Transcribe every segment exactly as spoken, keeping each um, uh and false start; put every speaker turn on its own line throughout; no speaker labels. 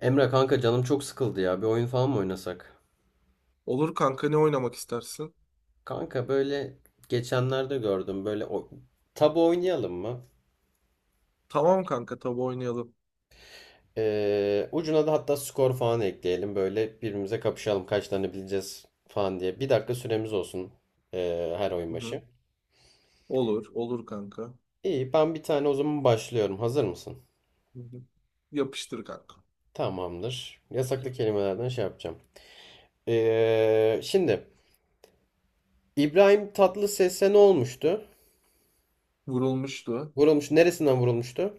Emre kanka, canım çok sıkıldı ya. Bir oyun falan mı oynasak?
Olur kanka, ne oynamak istersin?
Kanka böyle geçenlerde gördüm. Böyle o... tabu oynayalım mı?
Tamam kanka, tabii oynayalım.
Ee, ucuna da hatta skor falan ekleyelim. Böyle birbirimize kapışalım. Kaç tane bileceğiz falan diye. Bir dakika süremiz olsun ee, her oyun
Hı hı.
başı.
Olur, olur kanka.
İyi, ben bir tane o zaman başlıyorum. Hazır mısın?
Hı hı. Yapıştır kanka.
Tamamdır. Yasaklı kelimelerden şey yapacağım. Ee, şimdi İbrahim Tatlıses'e ne olmuştu?
Vurulmuştu
Vurulmuş. Neresinden vurulmuştu?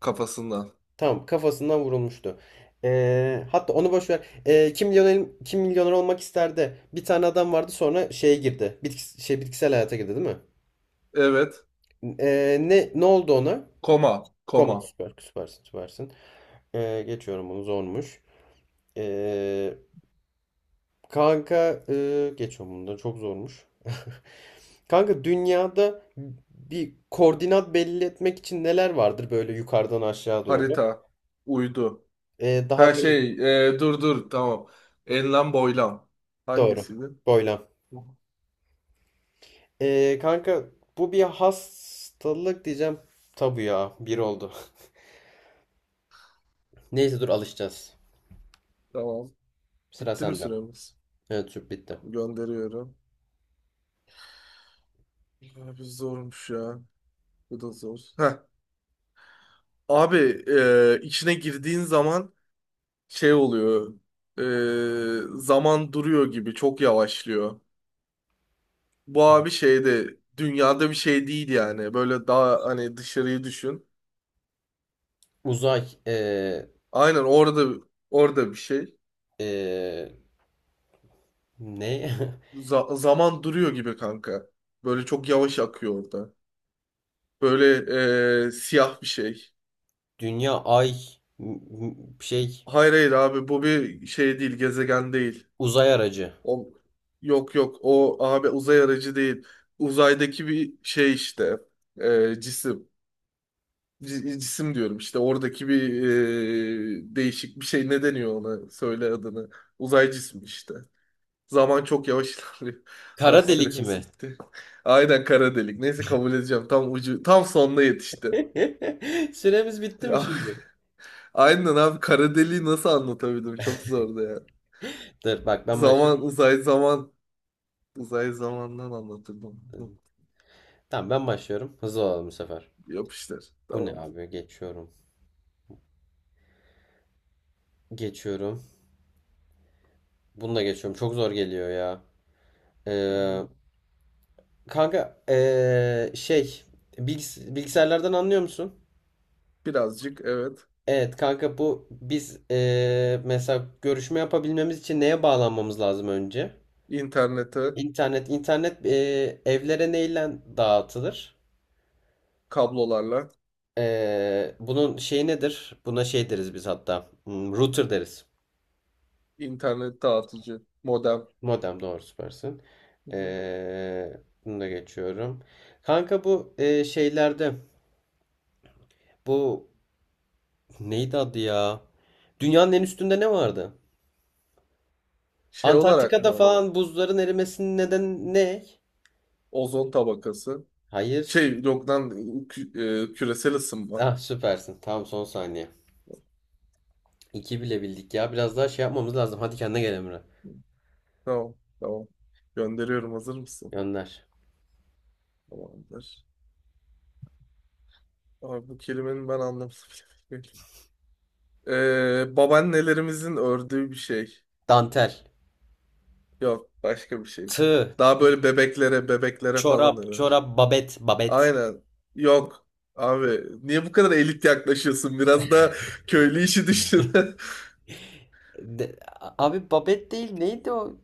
kafasından.
Tamam, kafasından vurulmuştu. Ee, hatta onu boş ver. Ee, kim milyoner, kim milyoner olmak isterdi? Bir tane adam vardı, sonra şeye girdi. Bitkis- şey bitkisel hayata girdi, değil mi?
Evet.
Ee, ne ne oldu ona?
Koma, koma.
Koma. Süper, süpersin, süpersin. Ee, geçiyorum bunu, zormuş. Ee, Kanka e, geçiyorum bunu, çok zormuş. Kanka, dünyada bir koordinat belli etmek için neler vardır böyle yukarıdan aşağı doğru?
Harita, uydu.
Ee, daha
Her
böyle,
şey, e, dur dur, tamam. Enlem boylam.
doğru.
Hangisiydi?
Boylam.
Hı.
Ee, kanka, bu bir hastalık diyeceğim. Tabu ya bir oldu. Neyse, dur alışacağız.
Tamam.
Sıra
Bitti mi
sende.
süremiz?
Evet, süp bitti.
Tamam, gönderiyorum. Abi zormuş ya. Bu da zor. Heh. Abi, e, içine girdiğin zaman şey oluyor. E, zaman duruyor gibi çok yavaşlıyor. Bu
Hı hı.
abi şeyde dünyada bir şey değil yani. Böyle daha hani dışarıyı düşün.
Uzay ee,
Aynen orada orada bir şey.
ee, ne?
Za- zaman duruyor gibi kanka. Böyle çok yavaş akıyor orada. Böyle e, siyah bir şey.
Dünya, ay, m- m- şey
Hayır, hayır, abi bu bir şey değil, gezegen değil.
uzay aracı.
O, yok, yok, o abi uzay aracı değil. Uzaydaki bir şey işte, e, cisim. C- cisim diyorum işte, oradaki bir e, değişik bir şey, ne deniyor ona, söyle adını, uzay cismi işte, zaman çok yavaş ilerliyor. Ha,
Kara delik
süremiz
mi?
bitti. Aynen, kara delik, neyse kabul edeceğim, tam ucu, tam sonuna yetişti.
Süremiz bitti mi şimdi?
Aynen abi, kara deliği nasıl anlatabildim, çok zordu ya.
Dur bak, ben
Zaman
başlıyorum.
uzay zaman uzay zamandan anlatırdım.
Tamam, ben başlıyorum. Hızlı olalım bu sefer.
Yapıştır,
Bu ne
tamam.
abi? Geçiyorum. Geçiyorum. Bunu da geçiyorum. Çok zor geliyor
Hı hı.
ya. Kanka, eee, şey bilgis- bilgisayarlardan anlıyor musun?
Birazcık, evet.
Evet kanka, bu biz eee, mesela görüşme yapabilmemiz için neye bağlanmamız lazım önce?
internete
İnternet internet eee, evlere neyle dağıtılır?
kablolarla.
Eee, bunun şeyi nedir? Buna şey deriz biz, hatta Hmm, router deriz.
İnternet dağıtıcı, modem.
Modem, doğru, süpersin.
Hı hı.
Eee bunu da geçiyorum. Kanka bu eee, şeylerde, bu neydi adı ya? Dünyanın en üstünde ne vardı?
Şey olarak
Antarktika'da
mı?
falan buzların erimesinin nedeni ne?
Ozon tabakası.
Hayır.
Şey yok lan, kü- e, küresel ısınma.
Ah, süpersin. Tamam, son saniye. İki bile bildik ya. Biraz daha şey yapmamız lazım. Hadi kendine gel, Emre.
Tamam, tamam. Gönderiyorum, hazır mısın?
Gönder.
Tamamdır. Abi, bu kelimenin ben anlamını bile bilmiyorum. Ee, babaannelerimizin ördüğü bir şey.
Dantel.
Yok, başka bir şey.
Tığ.
Daha
İp.
böyle bebeklere bebeklere falan
Çorap.
örer.
Çorap. Babet. Babet.
Aynen. Yok. Abi niye bu kadar elit yaklaşıyorsun? Biraz da köylü işi düşün.
De- Abi, babet değil. Neydi o?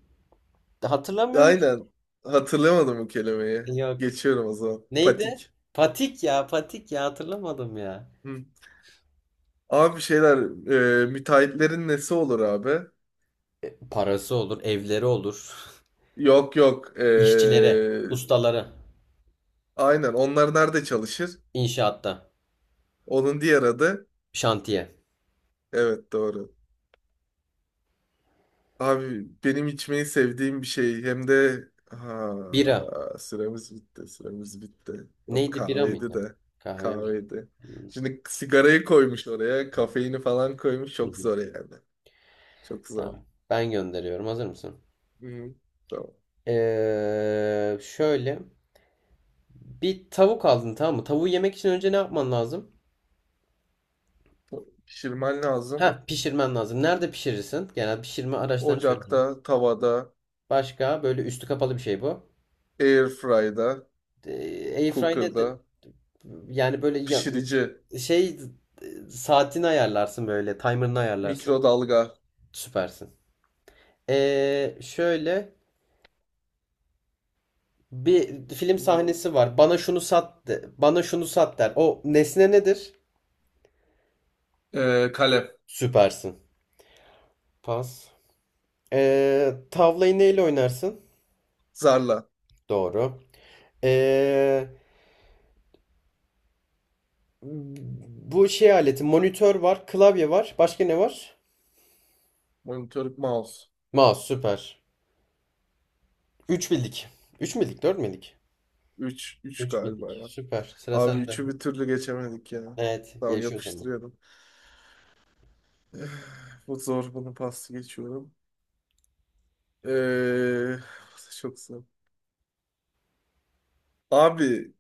Hatırlamıyorum ki.
Aynen. Hatırlamadım bu kelimeyi.
Yok.
Geçiyorum o zaman.
Neydi?
Patik.
Patik ya. Patik ya. Hatırlamadım ya.
Hı. Abi şeyler, e, müteahhitlerin nesi olur abi?
Parası olur. Evleri olur.
Yok, yok. E,
İşçilere. Ustaları.
aynen. Onlar nerede çalışır?
İnşaatta.
Onun diğer adı.
Şantiye.
Evet, doğru. Abi, benim içmeyi sevdiğim bir şey. Hem de, ha,
Bira.
süremiz bitti. Süremiz bitti. Yok,
Neydi, bira
kahveydi
mıydı?
de.
Kahve miydi?
Kahveydi.
Hmm,
Şimdi sigarayı koymuş oraya.
evet.
Kafeini falan koymuş.
Hı
Çok
hı.
zor yani. Çok zor.
Tamam. Ben gönderiyorum. Hazır mısın?
Hı. Tamam.
Ee, şöyle. Bir tavuk aldın, tamam mı? Tavuğu yemek için önce ne yapman lazım?
Pişirmen lazım.
Ha, pişirmen lazım. Nerede pişirirsin? Genel pişirme araçlarını
Ocakta,
söyleyeceğim.
tavada,
Başka, böyle üstü kapalı bir şey bu.
airfryda,
Ee, Airfry nedir?
cooker'da,
Yani böyle ya-
pişirici,
şey, e, saatini ayarlarsın böyle. Timer'ını ayarlarsın.
mikrodalga,
Süpersin. Ee, şöyle, bir film sahnesi var. Bana şunu sat de, bana şunu sat der. O nesne nedir?
e, kalem,
Süpersin. Pas. Ee, tavlayı neyle oynarsın?
zarla,
Doğru. Ee, Bu şey aleti, monitör var, klavye var. Başka ne var?
monitör, mouse.
Mouse, süper. Üç bildik. Üç bildik, dört bildik.
Üç, üç
Üç
galiba
bildik.
ya.
Süper. Sıra
Abi
sende.
üçü bir türlü geçemedik ya.
Evet,
Tamam,
gelişiyor zaman.
yapıştırıyorum. Eh, bu zor, bunu pas geçiyorum. Ee, Çok zor. Abi,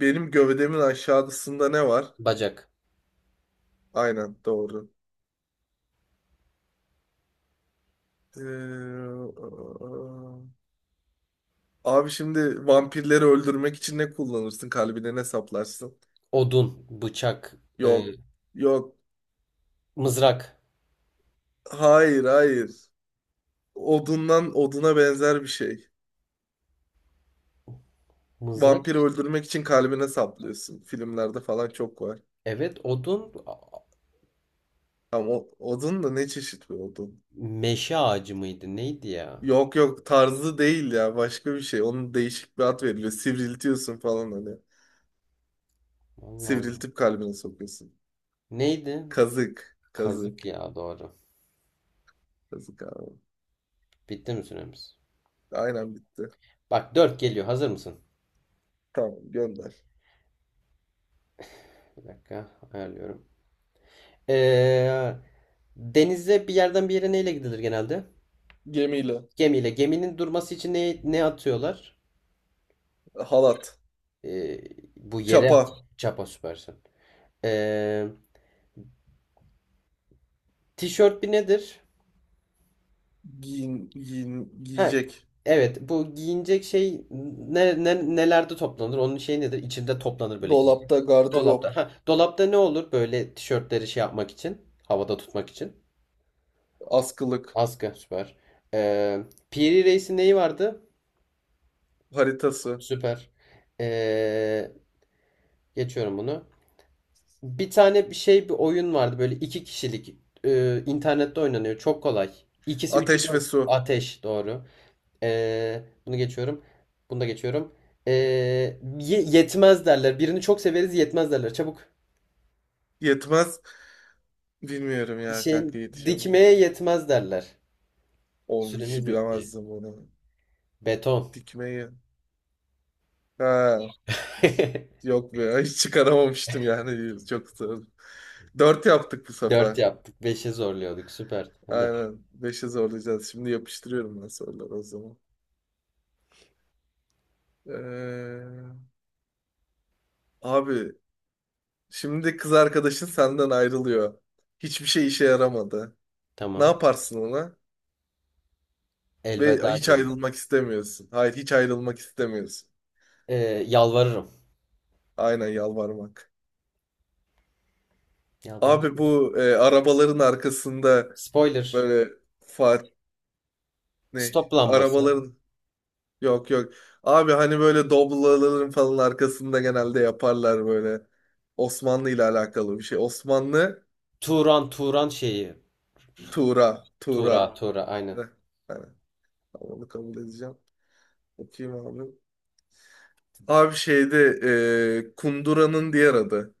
benim gövdemin aşağısında ne var?
Bacak,
Aynen, doğru. Ee, Abi, şimdi vampirleri öldürmek için ne kullanırsın? Kalbine ne saplarsın?
odun, bıçak, e,
Yok. Yok.
mızrak.
Hayır, hayır. Odundan oduna benzer bir şey.
Mızrak?
Vampiri öldürmek için kalbine saplıyorsun. Filmlerde falan çok var.
Evet, odun.
Ama o, odun da ne çeşit bir odun?
Meşe ağacı mıydı? Neydi ya?
Yok, yok, tarzı değil ya, başka bir şey. Onun değişik bir ad veriliyor. Sivriltiyorsun falan hani.
Allah Allah.
Sivriltip kalbine sokuyorsun.
Neydi?
Kazık.
Kazık
Kazık.
ya, doğru.
Kazık abi.
Bitti mi süremiz?
Aynen, bitti.
Bak, dört geliyor. Hazır mısın?
Tamam, gönder.
Bir dakika ayarlıyorum. Ee, Denize bir yerden bir yere neyle gidilir genelde?
Gemiyle.
Gemiyle. Geminin durması için ne, ne atıyorlar?
Halat.
Ee, Bu yere at.
Çapa.
Çapa, süpersin. Ee, Tişört bir nedir?
Giyin, giyin,
Ha,
giyecek.
evet, bu giyinecek şey ne, ne- nelerde toplanır? Onun şey nedir? İçinde toplanır böyle.
Dolapta gardırop,
Dolapta. Ha, dolapta ne olur böyle tişörtleri şey yapmak için? Havada tutmak için.
askılık,
Askı, süper. Ee, Piri Reis'in neyi vardı?
haritası,
Süper. Ee, Geçiyorum bunu. Bir tane bir şey, bir oyun vardı böyle iki kişilik. Ee, internette oynanıyor. Çok kolay. İkisi üçü
ateş ve
dört.
su.
Ateş, doğru. Ee, bunu geçiyorum. Bunu da geçiyorum. Ee, ye- Yetmez derler. Birini çok severiz, yetmez derler. Çabuk.
Yetmez. Bilmiyorum ya
Şey,
kanka, yetişemeyecek.
dikmeye yetmez derler.
O işi
Süremiz bitti.
bilemezdim bunu.
Beton.
Dikmeyi. Ha. Yok be, hiç çıkaramamıştım yani. Çok zor. Dört yaptık bu
Dört
sefer.
yaptık. Beşe zorluyorduk. Süper. Hadi.
Aynen. Beşe zorlayacağız. Şimdi yapıştırıyorum ben soruları o zaman. Ee, Abi, şimdi kız arkadaşın senden ayrılıyor. Hiçbir şey işe yaramadı. Ne
Tamam.
yaparsın ona? Ve
Elveda
hiç
derim.
ayrılmak istemiyorsun. Hayır, hiç ayrılmak istemiyorsun.
Ee, Yalvarırım.
Aynen, yalvarmak.
Yalvar.
Abi bu, e, arabaların arkasında
Spoiler.
böyle, fa ne?
Stop lambası.
Arabaların, yok, yok. Abi hani böyle Doblo'ların falan arkasında genelde yaparlar böyle. Osmanlı ile alakalı bir şey. Osmanlı.
Turan Turan şeyi.
Tuğra.
Tura
Tuğra.
Tura, aynen.
Heh, hani, tamam, onu kabul edeceğim. Okuyayım abi. Abi şeyde, e, kunduranın diğer adı.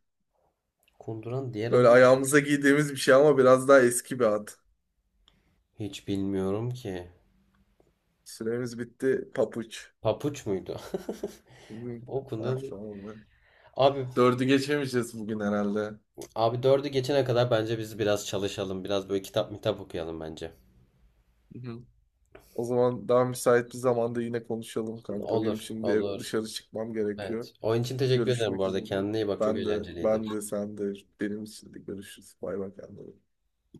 Kunduran diğer
Böyle
adı ne?
ayağımıza giydiğimiz bir şey ama biraz daha eski bir ad.
Hiç bilmiyorum ki.
Süremiz bitti. Papuç.
Papuç muydu?
Hı.
O kunduran
Ah,
değil.
oldu.
Abi
Dördü geçemeyeceğiz bugün herhalde.
abi dördü geçene kadar bence biz biraz çalışalım. Biraz böyle kitap mitap okuyalım bence.
Hı hı. O zaman daha müsait bir zamanda yine konuşalım kanka. Benim
Olur,
şimdi
olur.
dışarı çıkmam gerekiyor.
Evet. Oyun için teşekkür ederim bu
Görüşmek
arada.
üzere.
Kendine iyi bak. Çok
Ben de,
eğlenceliydi.
ben de, sen de. Benim için de görüşürüz. Bay bay kendine.